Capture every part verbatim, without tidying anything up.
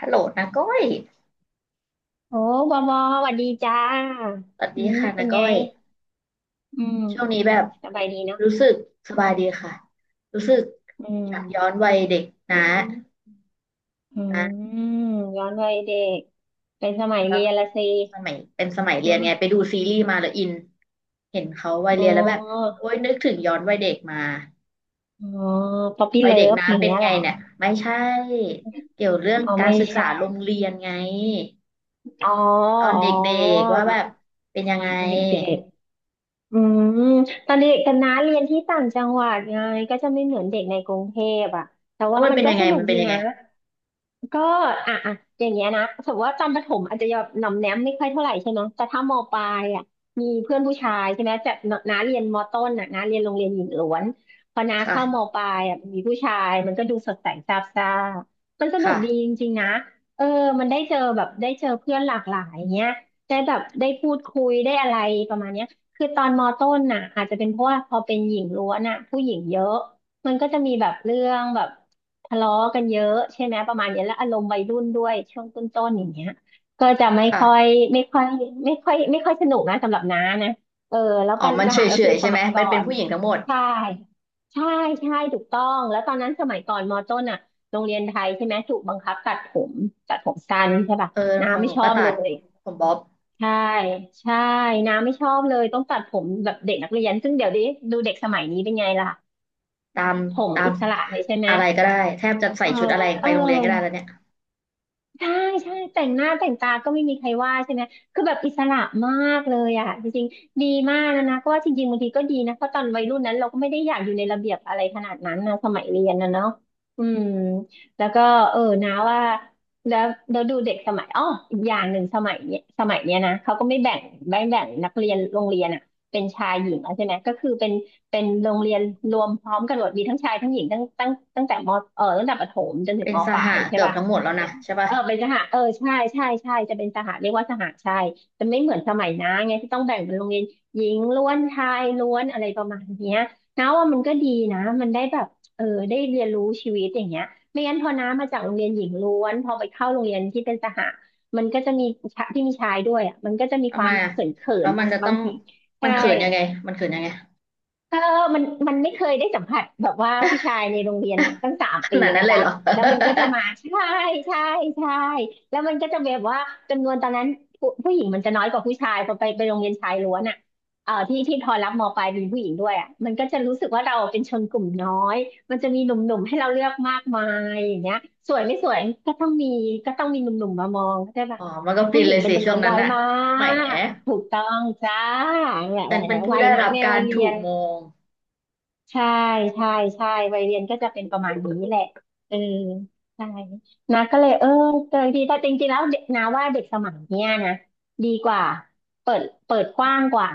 ฮัลโหลนาก้อยโอ้บอบอสวัสดีจ้าสวัสอืดีมค่ะเป็นานก้ไงอย อืมช่วงอืนี้มแบบสบายดีเนาะรู้สึกสอืบายมดีค่ะ รู้สึกอือยากย้อมนวัยเด็กนะอืนะมย้อนวัยเด็กเป็นสมัยย้อเรีนยนละสิสมัยเป็นสมัยเรียนะนไงไปดูซีรีส์มาแล้วอินเห็นเขาวัยอ๋เรียนแล้วแบบอโอ๊ยนึกถึงย้อนวัยเด็กมาอ๋อป๊อปปี้วัยเลิเด็กฟนะอย่างเป็นเงี้ยไงเหรอเนี่ยไม่ใช่เกี่ยวเรื่องเอาการไม่ศึกษาใช่โรงเรียนไงอ๋อตอนอ๋เด็กอๆว่าแบบเป็นยัตงอไงนเด็กๆอืมตอนเด็กกันนะเรียนที่ต่างจังหวัดไงก็จะไม่เหมือนเด็กในกรุงเทพอ่ะแต่เพว่าราะมันมันเป็นก็ยังไงสนุกมันเป็ดีนยังนะ ไงก็อ่ะอ่ะอย่างเงี้ยนะสมมติว่าตอนประถมอาจจะแบบหน่อมแนมไม่ค่อยเท่าไหร่ใช่ไหมแต่ถ้ามปลายอ่ะมีเพื่อนผู้ชายใช่ไหมจตน้าเรียนมต้นอ่ะน้าเรียนโรงเรียนหญิงล้วนพอน้าค่ะเข้ามปลายอ่ะมีผู้ชายมันก็ดูสดใสซาบซ่ามันสนุกค่ะดีจริงๆนะเออมันได้เจอแบบได้เจอเพื่อนหลากหลายอย่างเงี้ยได้แบบได้พูดคุยได้อะไรประมาณเนี้ยคือตอนมต้นน่ะอาจจะเป็นเพราะว่าพอเป็นหญิงล้วนอ่ะผู้หญิงเยอะ มันก็จะมีแบบเรื่องแบบทะเลาะกันเยอะใช่ไหมประมาณเนี้ยแล้วอารมณ์วัยรุ่นด้วยช่วงต้นๆอย่างเงี้ยก็จะไม่ค่อยค่ะ ไม่ค่อยไม่ค่อยไม่ค่อยสนุกนะสำหรับน้านะเออแล้วอ๋อปัมันญเฉหายก็เฉคือยสใช่ไหมมัยมัก่อนเป็นนผู้หญิงทั้งหมด ใช่ใช่ใช่ถูกต้องแล้วตอนนั้นสมัยก่อนมต้นอ่ะโรงเรียนไทยใช่ไหมถูกบังคับตัดผมตัดผมสั้นใช่ป่ะเออ น้าของหไม่นูชอก็บตัเลดยผมบ๊อบใช่ใช่น้าไม่ชอบเลยต้องตัดผมแบบเด็กนักเรียนซึ่งเดี๋ยวนี้ดูเด็กสมัยนี้เป็นไงล่ะตามผมตามอิสระเลยใช่ไหม อะไรก็ได้แทบจะใส่เออชุดอะไรเอไปอ โรงเรียนก็ได้แล้วเนี่ยใช่ใช่แต่งหน้าแต่งตาก็ไม่มีใครว่าใช่ไหมคือแบบอิสระมากเลยอ่ะจริงๆดีมากนะนะเพราะว่าจริงๆบางทีก็ดีนะเพราะตอนวัยรุ่นนั้นเราก็ไม่ได้อยากอยู่ในระเบียบอะไรขนาดนั้นนะสมัยเรียนนะเนาะอืมแล้วก็เออนะว่าแล้วเราดูเด็กสมัยอ้ออีกอย่างหนึ่งสมัยเนี้ยสมัยเนี้ยนะเขาก็ไม่แบ่งไม่แบ่งนักเรียนโรงเรียนอ่ะเป็นชายหญิงแล้วใช่ไหมก็คือเป็นเป็นโรงเรียนรวมพร้อมกันหมดมีทั้งชายทั้งหญิงตั้งตั้งตั้งแต่มเออตั้งแต่ประถมจนถึงเป็นมสปลาหยใช่เกือบป่ะ ทั้งหมดแล้วนะใช่ปะเออเป็นสหะเออใช่ใช่ใช่จะเป็นสหะเรียกว่าสหะใช่จะไม่เหมือนสมัยนะไงที่ต้องแบ่งเป็นโรงเรียนหญิงล้วนชายล้วนอะไรประมาณเนี้ยนะว่ามันก็ดีนะมันได้แบบเออได้เรียนรู้ชีวิตอย่างเงี้ยไม่งั้นพอน้ามาจากโรงเรียนหญิงล้วนพอไปเข้าโรงเรียนที่เป็นสหะมันก็จะมีชะที่มีชายด้วยอ่ะมันก็จะมีคทำวาไมมอะเขินเขิแล้นวมับานงจะต้บาองงทีมัใช่ นเขินยังไงมันเขินยังไง เออมันมันไม่เคยได้สัมผัสแบบว่าผู้ชายในโรงเรียนมาตั้งสาม ขปีนาดนั้นะนเลยจ๊ะเหรอ แล้วมันก็จะมาใช่ใช่ใช่แล้วมันก็จะแบบว่าจำนวนตอนนั้นผู้ผู้หญิงมันจะน้อยกว่าผู้ชายพอไปไปโรงเรียนชายล้วนอ่ะเออที่ที่พอรับมปลายเป็นผู้หญิงด้วยอ่ะมันก็จะรู้สึกว่าเราเป็นชนกลุ่มน้อยมันจะมีหนุ่มๆให้เราเลือกมากมายอย่างเงี้ยสวยไม่สวยก็ต้องมีก็ต้องมีหนุ่มๆมามองใช่ ปะอ๋อมันก็ฟิผู้นหญิเลงยเป็สินจำนช่ววงนนั้น้นอยอะมาแหมกถูกต้องจ้าเนี่ยฉันเป็นผู้วัยได้นั้นรับเนี่ยกาวัรยเรีถูยกน มองใช่ใช่ใช่ วัยเรียนก็จะเป็นประมาณนี้แหละเออใช่นะก็เลยเออเจอดีแต่จริงๆแล้วเด็กนะว่าเด็กสมัยเนี้ยนะดีกว่าเปิดเปิดกว้างกว่า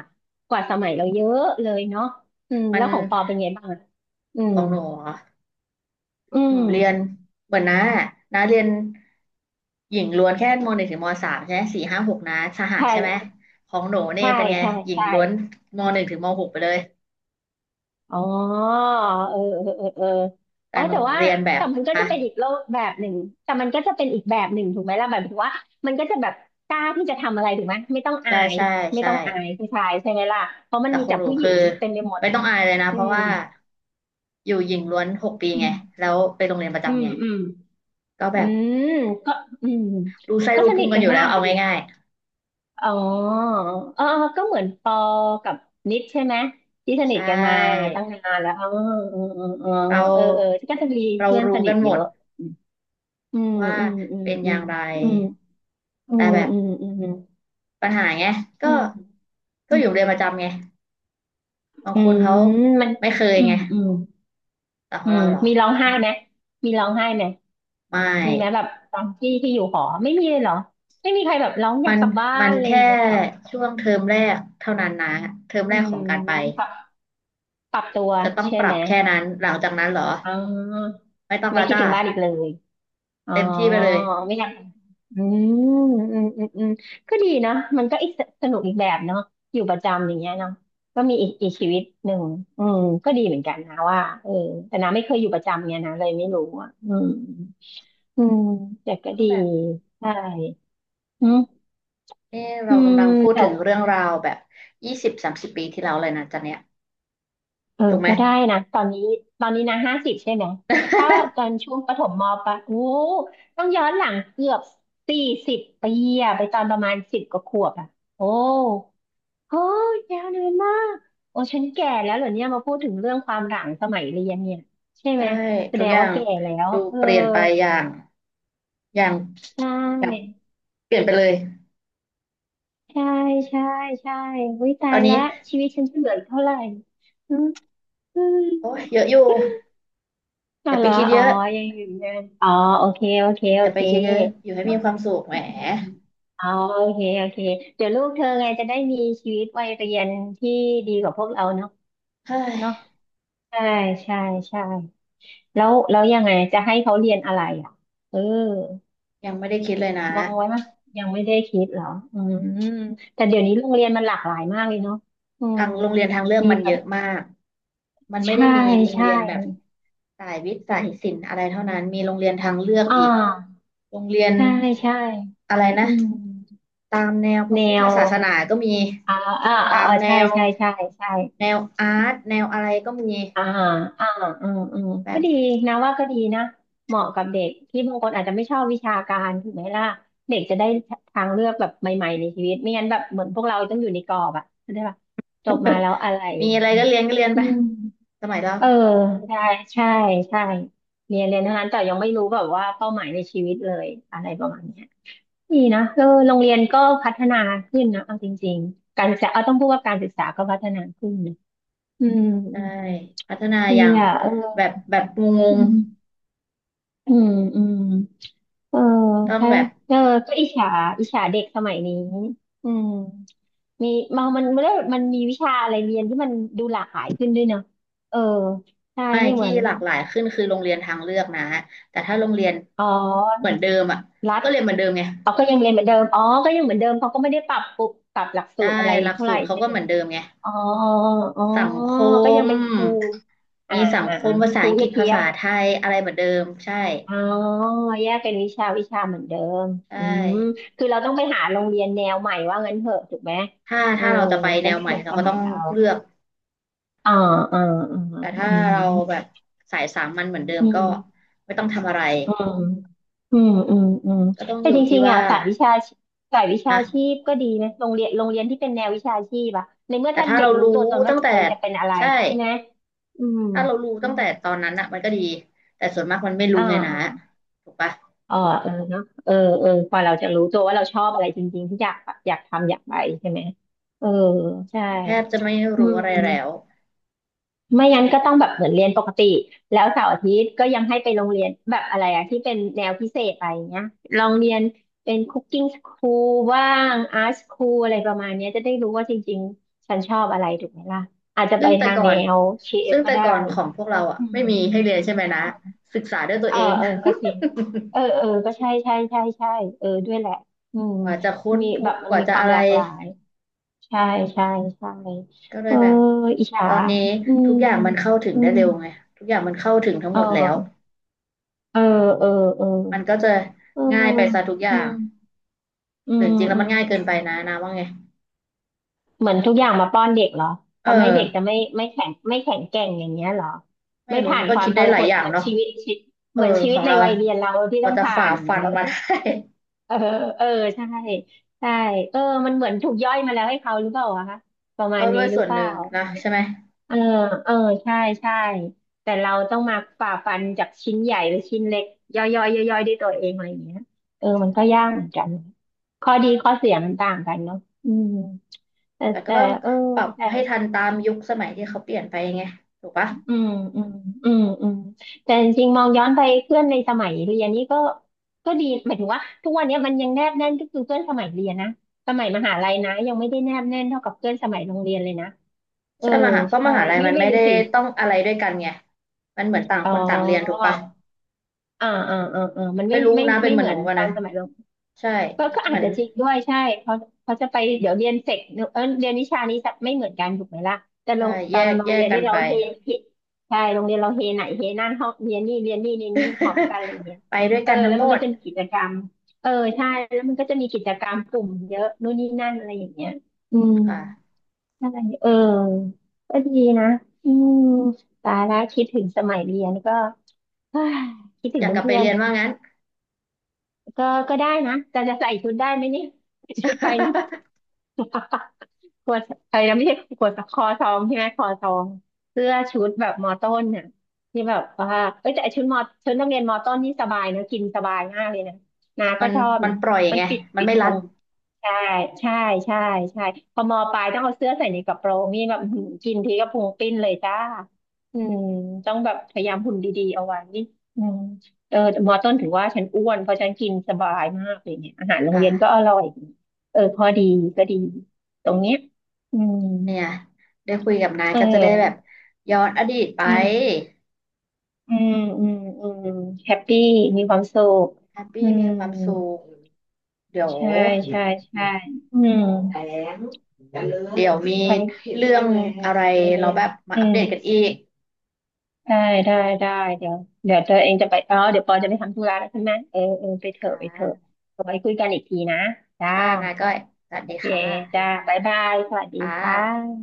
กว่าสมัยเราเยอะเลยเนาะอืมมันแล้วของปอเป็นไงบ้างอะอืขมองหนูเหรอ อืหนูมเรียนเหมือนน้าอะน้าเรียนหญิงล้วนแค่มหนึ่งถึงมสามใช่ไหมสี่ห้าหกน้าสหะใช่ไหมใช่ของหนูนี่ใช่เป็นไงใช่หญิงใช่ ล้วนมหนึ่งถึงมหกไปเลย อ๋อเออเออเออเออแต่อ๋อหนูแต่ว่าเรียนแบบแต่มันก็ฮะจะเป็นอีกโลกแบบหนึ่งแต่มันก็จะเป็นอีกแบบหนึ่งถูกไหมล่ะแบบถึงว่ามันก็จะแบบกล้าที่จะทำอะไรถูกไหมไม่ต้องอาใช่ย ใช่ไม่ใช่ต้องอายผู้ชายใช่ไหมล่ะเพราะมัแต่นมีของแต่หนูผู้หญิคืองเต็มไปหมดไม่ต้องอายเลยนะอืเพราะมว่าอยู่หญิงล้วนหกปีอืไงมแล้วไปโรงเรียนประอืจำมไงอืมก็แบอืบมก็อืมรู้ไส้ก็รู้สพุนิงทกันกัอนยู่แล้มาวกเลเอายดิง่ายอ๋อเออก็เหมือนปอกับนิดใช่ไหมที่สๆใชนิทกันมา่ตั้งนานแล้วอ๋อเราเออเออเออเออเออก็จะมีเราเพื่อนสรู้นิกัทนหมเยดอะ อืมว่าอืมอืมเป็นออืย่ามงไรอืมอืแต่มแบบ อืมอืมปัญหาไงก็อืมอืก็อมยู่เรียนประจำไงบางอืคนมเขาอืมมันไม่เคยอืไงมอืมแต่ขออืงมเราเหรอมีร้องไห้ไหมมีร้องไห้ไหมไม่มีไหมแบบตอนที่ที่อยู่หอไม่มีเลยเหรอไม่มีใครแบบร้องอมัยากนกลับบ้ามันนอะไรอแค่ย่างเงี้ยเหรอช่วงเทอมแรกเท่านั้นนะเทอมอืแรกมของการไปปรับปรับตัวจะต้องใช่ปรัไหมบแค่นั้นหลังจากนั้นเหรออ๋อไม่ต้องไม่และคิดจ้าถึงบ้านอีกเลย อ๋อเต็มที่ไปเลยไม่ทำอืมอืมอืมอืมก็ดีนะมันก็อีกสนุกอีกแบบเนาะอยู่ประจำอย่างเงี้ยเนาะก็มีอีกอีกชีวิตหนึ่งอืมก็ดีเหมือนกันนะว่าเออแต่นาไม่เคยอยู่ประจำเนี่ยนะเลยไม่รู้อ่ะอืมอืมแต่ก็ต้องดีแบบใช่อืมเอออืเรามกำลังพูดแต่ ถึงเรื่องราวแบบยี่สิบสามสิบปีที่แล้วเลยนะจ๊ะเนี่ยเออถูกไหมก็ได้นะตอนนี้ตอนนี้นะห้าสิบใช่ไหม ถ้าตอนช่วงประถมมปลายอู้ ต้องย้อนหลังเกือบสี่สิบปีอะไปตอนประมาณสิบกว่าขวบอะโอ้โหยยาวนานมาก โอ้ฉันแก่แล้วเหรอเนี่ยมาพูดถึงเรื่องความหลังสมัยเรียนเนี่ย ใช่ไหใช่มแสทุดกงอย่าว่างแก่แล้วดูเออเปลี่ยนไปอย่างอย่างใชแบบ่เปลี่ยนไปเลยใช่ใช่ใช่วิตาตอยนนี้ละชีวิตฉันจะเหลืออีกเท่าไหร่อืมอืม โอ้ยเยอะอยู่ อก็ย่าเหไปรอคิดอ๋เยออะ ยังอยู่เดินอ๋อโอเคโอเคอโอย่าไปเคคิดเยอะอยู่ให้มีความสุขแหมอืมอ๋อโอเคโอเคเดี๋ยวลูกเธอไงจะได้มีชีวิตวัยเรียนที่ดีกว่าพวกเราเนาะเฮ้ยเนาะใช่ใช่ใช่แล้วแล้วยังไงจะให้เขาเรียนอะไรอ่ะเออยังไม่ได้คิดเลยนะมองไว้มั้ยยังไม่ได้คิดเหรออืมแต่เดี๋ยวนี้โรงเรียนมันหลากหลายมากเลยเนาะอืมทางโรงเรียนทางเลือกมีมันแบเยบอะมากมันไม่ได้ใช่มีโรงใช่เรียนแบบสายวิทย์สายศิลป์อะไรเท่านั้นมีโรงเรียนทางเลือกอ่าอีกโรงเรียนใช่ใช่อะไรนะอืมตามแนวพแนระพุทธว ศาสนาก็มีอ่าอ่าอ่าตามอ่าแนใช่วใช่ใช่ใช่แนวอาร์ตแนวอะไรก็มีอ่าอ่าอืมอืมก็แบบดีนะว่าก็ดีนะเหมาะกับเด็กที่บางคนอาจจะไม่ชอบวิชาการถูกไหมล่ะเด็กจะได้ทางเลือกแบบใหม่ๆในชีวิตไม่งั้นแบบเหมือนพวกเราต้องอยู่ในกรอบอะเข้าใจปะจบมาแล้วอะไรมีอะไรก็เรียนก็เรียนอืไปมสมัยเราเออใช่ใช่ใช่เรียนเรียนเท่านั้นแต่ยังไม่รู้แบบว่าเป้าหมายในชีวิตเลยอะไรประมาณเนี้ยดีนะเออโรงเรียนก็พัฒนาขึ้นนะเอาจริงๆการศึกษาเอาต้องพูดว่าการศึกษาก็พัฒนาขึ้น อืมใช่อืมพัฒนาดีอย่างอ่ะเออแบบแบบงงอืง มอืมอืมเออต้องถ้าแบบเออก็อิจฉาอิจฉาเด็กสมัยนี้อืมมีมันมันมันมันมีวิชาอะไรเรียนที่มันดูหลากหลายขึ้นด้วยเนาะเออใช่ไม่ไม่เหที่มือนหลากหลายขึ้นคือโรงเรียนทางเลือกนะแต่ถ้าโรงเรียนอ๋อเหมือนเดิมอ่ะรัฐก็เรียนเหมือนเดิมไงอ๋อก็ยังเรียนเหมือนเดิมอ๋อก็ยังเหมือนเดิมเขาก็ไม่ได้ปรับปรุบปรับหลักสูได้ตรอะไรหลักเท่าสูไหร่ตรเขาใช่ก็ไหมเหมือนเดิมไงอ๋ออ๋อสังคก็ยังมเป็นครูอ่ามีสังอ่าคอ่ามภาคษารูอังกฤษเพีภายบ ษาไทยอะไรเหมือนเดิมใช่อ๋อแยกเป็นวิชาวิชาเหมือนเดิมใช่อืมคือเราต้องไปหาโรงเรียนแนวใหม่ว่างั้นเถอะถูกไหมถ้าเออถ้าเราจะไปแนจะวไม่ใหเหม่มือนเราสก็มัต้อยงเราเลือกอ่าอ่าอ่าแต่ถ้าอืเราแบมบสายสามัญเหมือนเดิมอืก็มไม่ต้องทำอะไรอืมอืมอืมอืมก็ต้องแต่อยู่จที่ริงๆว่าอ่ะสายวิชาสายวิชาฮะชีพก็ดีนะโรงเรียนโรงเรียนที่เป็นแนววิชาชีพอะในเมื่อแต่ถ้าถ้าเด็กเรารู้รู้ตัวตนว่าตั้งจะแต่เป็นจะเป็นอะไรใช่ ใช่ไหมอืมถ้าเรารู้ตั้งแต่ตอนนั้นอะมันก็ดีแต่ส่วนมากมันไม่รู้อ่ไงนะา ถูกปะเออเออเนาะเออเออพอเราจะรู้ตัวว่าเราชอบอะไรจริงๆที่อยากอยากทำอยากไปใช่ไหมเออใช่แทบจะไม่อืรู้มอะไรแล้วไม่งั้นก็ต้องแบบเหมือนเรียนปกติแล้วเสาร์อาทิตย์ก็ยังให้ไปโรงเรียนแบบอะไรอะที่เป็นแนวพิเศษอะไรเงี้ยลองเรียนเป็นคุกกิ้งสคูลว่างอาร์ตสคูลอะไรประมาณเนี้ยจะได้รู้ว่าจริงๆฉันชอบอะไรถูกไหมล่ะอาจจะไปซึ่งแต่ทางก่อแนนวเชฟซึ่งก็แต่ได้ก่อนของพวกเราอะอืไม่ม มีให้เรียนใช่ไหมนะศึกษาด้วยตัวเออเอง เออก็จริงเออเออก็ใช่ใช่ใช่ใช่เออด้วยแหละอืม กว่าจะค้นมีพแบบบมักนว่ามีจะความอะหไรลากหลายใช่ใช่ใช่ก็เลเอยอแบบอิจฉาตอนนี้อืมทุกอย่างมันเข้าถึงอืได้มเร็วไงทุกอย่างมันเข้าถึงทั้งเหมดแล้วออเออเออเออมันก็จะเออง่ายไปซะทุกออืย่างมอืหรือมจริงๆแล้วอืมันมง่ายเกิอืนมไปนะนะว่าไงเหมือนทุกอย่างมาป้อนเด็กเหรอเอทำให้อเด็กจะไม่ไม่แข็งไม่แข็งแกร่งอย่างเงี้ยเหรอไม่ไม่รู้ผ่ามันนก็ควาคิมดทได้รหลาหยดอย่าเหงมือนเนาะ ชีวิตชีวิตเอเหอมือนชีขวิตองในเราวัยล่ะเรียนเราที่กต้อว่างจะผ่าฝ่าน ฟันมาได้ เออเออใช่ใช่เออมันเหมือนถูกย่อยมาแล้วให้เขาหรือเปล่าอะคะประ มาก็ณด้นี้วยหรืส่อวนเปหล่านึ่งนะเนี่ยใช่ไหมเออเออใช่ใช่แต่เราต้องมาฝ่าฟันจากชิ้นใหญ่หรือชิ้นเล็กย่อยย่อยย่อยย่อยด้วยตัวเองอะไรอย่างเงี้ยเออมันก็ใช่ยากเหมือนกันข้อดีข้อเสียมันต่างกันเนาะอืมแต่แต่ก็แต่ต้องเออปรับแต่ ให้ทันตามยุคสมัยที่เขาเปลี่ยนไปไงถูกปะอืมอืมอืมอืมแต่จริงๆมองย้อนไปเพื่อนในสมัยเรียนนี่ก็ก็ดีหมายถึงว่าทุกวันนี้มันยังแนบแน่นก็คือเพื่อนสมัยเรียนนะสมัยมหาลัยนะยังไม่ได้แนบแน่นเท่ากับเพื่อนสมัยโรงเรียนเลยนะเออใช่มหาเพราะมใช่หาลัยไม่มันไม่ไม่รู้ได้สิต้องอะไรด้วยกันไงมันเหมือนต่างอ๋อคนต่างเรียนถูกปะอ่าอ่าอ่าอ่ามันไม่ไม่รู้ไม่นะเป็นไม่เหมือเหนมืหอนูนป่ะตอนะนสมัย ใช่ก็ก็เหอาจมือนจะจริงด้วยใช่เขาเขาจะไปเดี๋ยวเรียนเสกเออเรียนวิชานี้จะไม่เหมือนกันถูกไหมล่ะแต่โรใช่งตแยอนกโรงแยเรีกยนกันี่นเราไป เฮผิดใช่โรงเรียนเราเฮไหนเฮนั่นห้องเรียนนี่เรียนนี่เรียนนี่พร้อมกันอะไรอย่างเงี้ย ไปด้วยเออกันทั้แล้งวหมมันก็ดจะมีกิจกรรมเออใช่แล้วมันก็จะมีกิจกรรมกลุ่มเยอะนู่นนี่นั่นอะไรอย่างเงี้ยอืมค่ะอะไรเออก็ดีนะอืมตายแล้วคิดถึงสมัยเรียนก็ เฮ้ยคิดถึองยากกลับไปเพื่อนเรียนว่างั้น ๆก็ก็ได้นะแต่จะใส่ชุดได้ไหมเนี่ยชุดไป ฮ่าฮ่า ขวดอะไรนะไม่ใช่ขวคอซองใช่ไหมคอซองเสื้อชุดแบบมอต้นน่ะที่แบบว่าเอ้ยแต่ไอ้ชุดมอชุดนักเรียนมอต้นนี่สบายนะกินสบายมากเลยนะนา มัก็นชอบมันนะปล่อยมันไงปิดมันปิดไม่รัพุดงใช่ใช่ใช่ใช่พอมอปลายต้องเอาเสื้อใส่ในกระโปรงนี่แบบ อื้อหือกินทีก็พุงปิ้นเลยจ้าอืมต้องแบบพยายามหุ่นดีๆเอาไว้อืมเออแต่มอต้นถึงว่าฉันอ้วนเพราะฉันกินสบายมากเลยเนี่ยอาหารโรงเรียนก็ค่ะ อร่อยเออพอดีก็ดีตรงเนี้ย อืมเนี่ยได้คุยกับนายเก็จะได้แบบออย้อนอดีตไปอืมอืมอืมอืมแฮปปี้มีความสุขแฮปอืปี้มีมความสุขเดี๋ยวใช่ใช่ใช่อืมแถลงเลมเดี๋ยวมีไปเรื่องอะไรเจเราอแบบมาอือัปมเดตกันอีกได้ได้ได้ เดี๋ยวเดี๋ยวตัวเองจะไปอ๋อเดี๋ยวปอจะไปทำธุระแล้วใช่ไหม เออเออไปเถคอะไปเถอะ่ะเอาไว้คุยกันอีกทีนะจ้าค่ะนายก้จ้าอยสวัสโอดีเคค่ะจ้าบ๊ายบาย สวัสดีค่ค่ะะ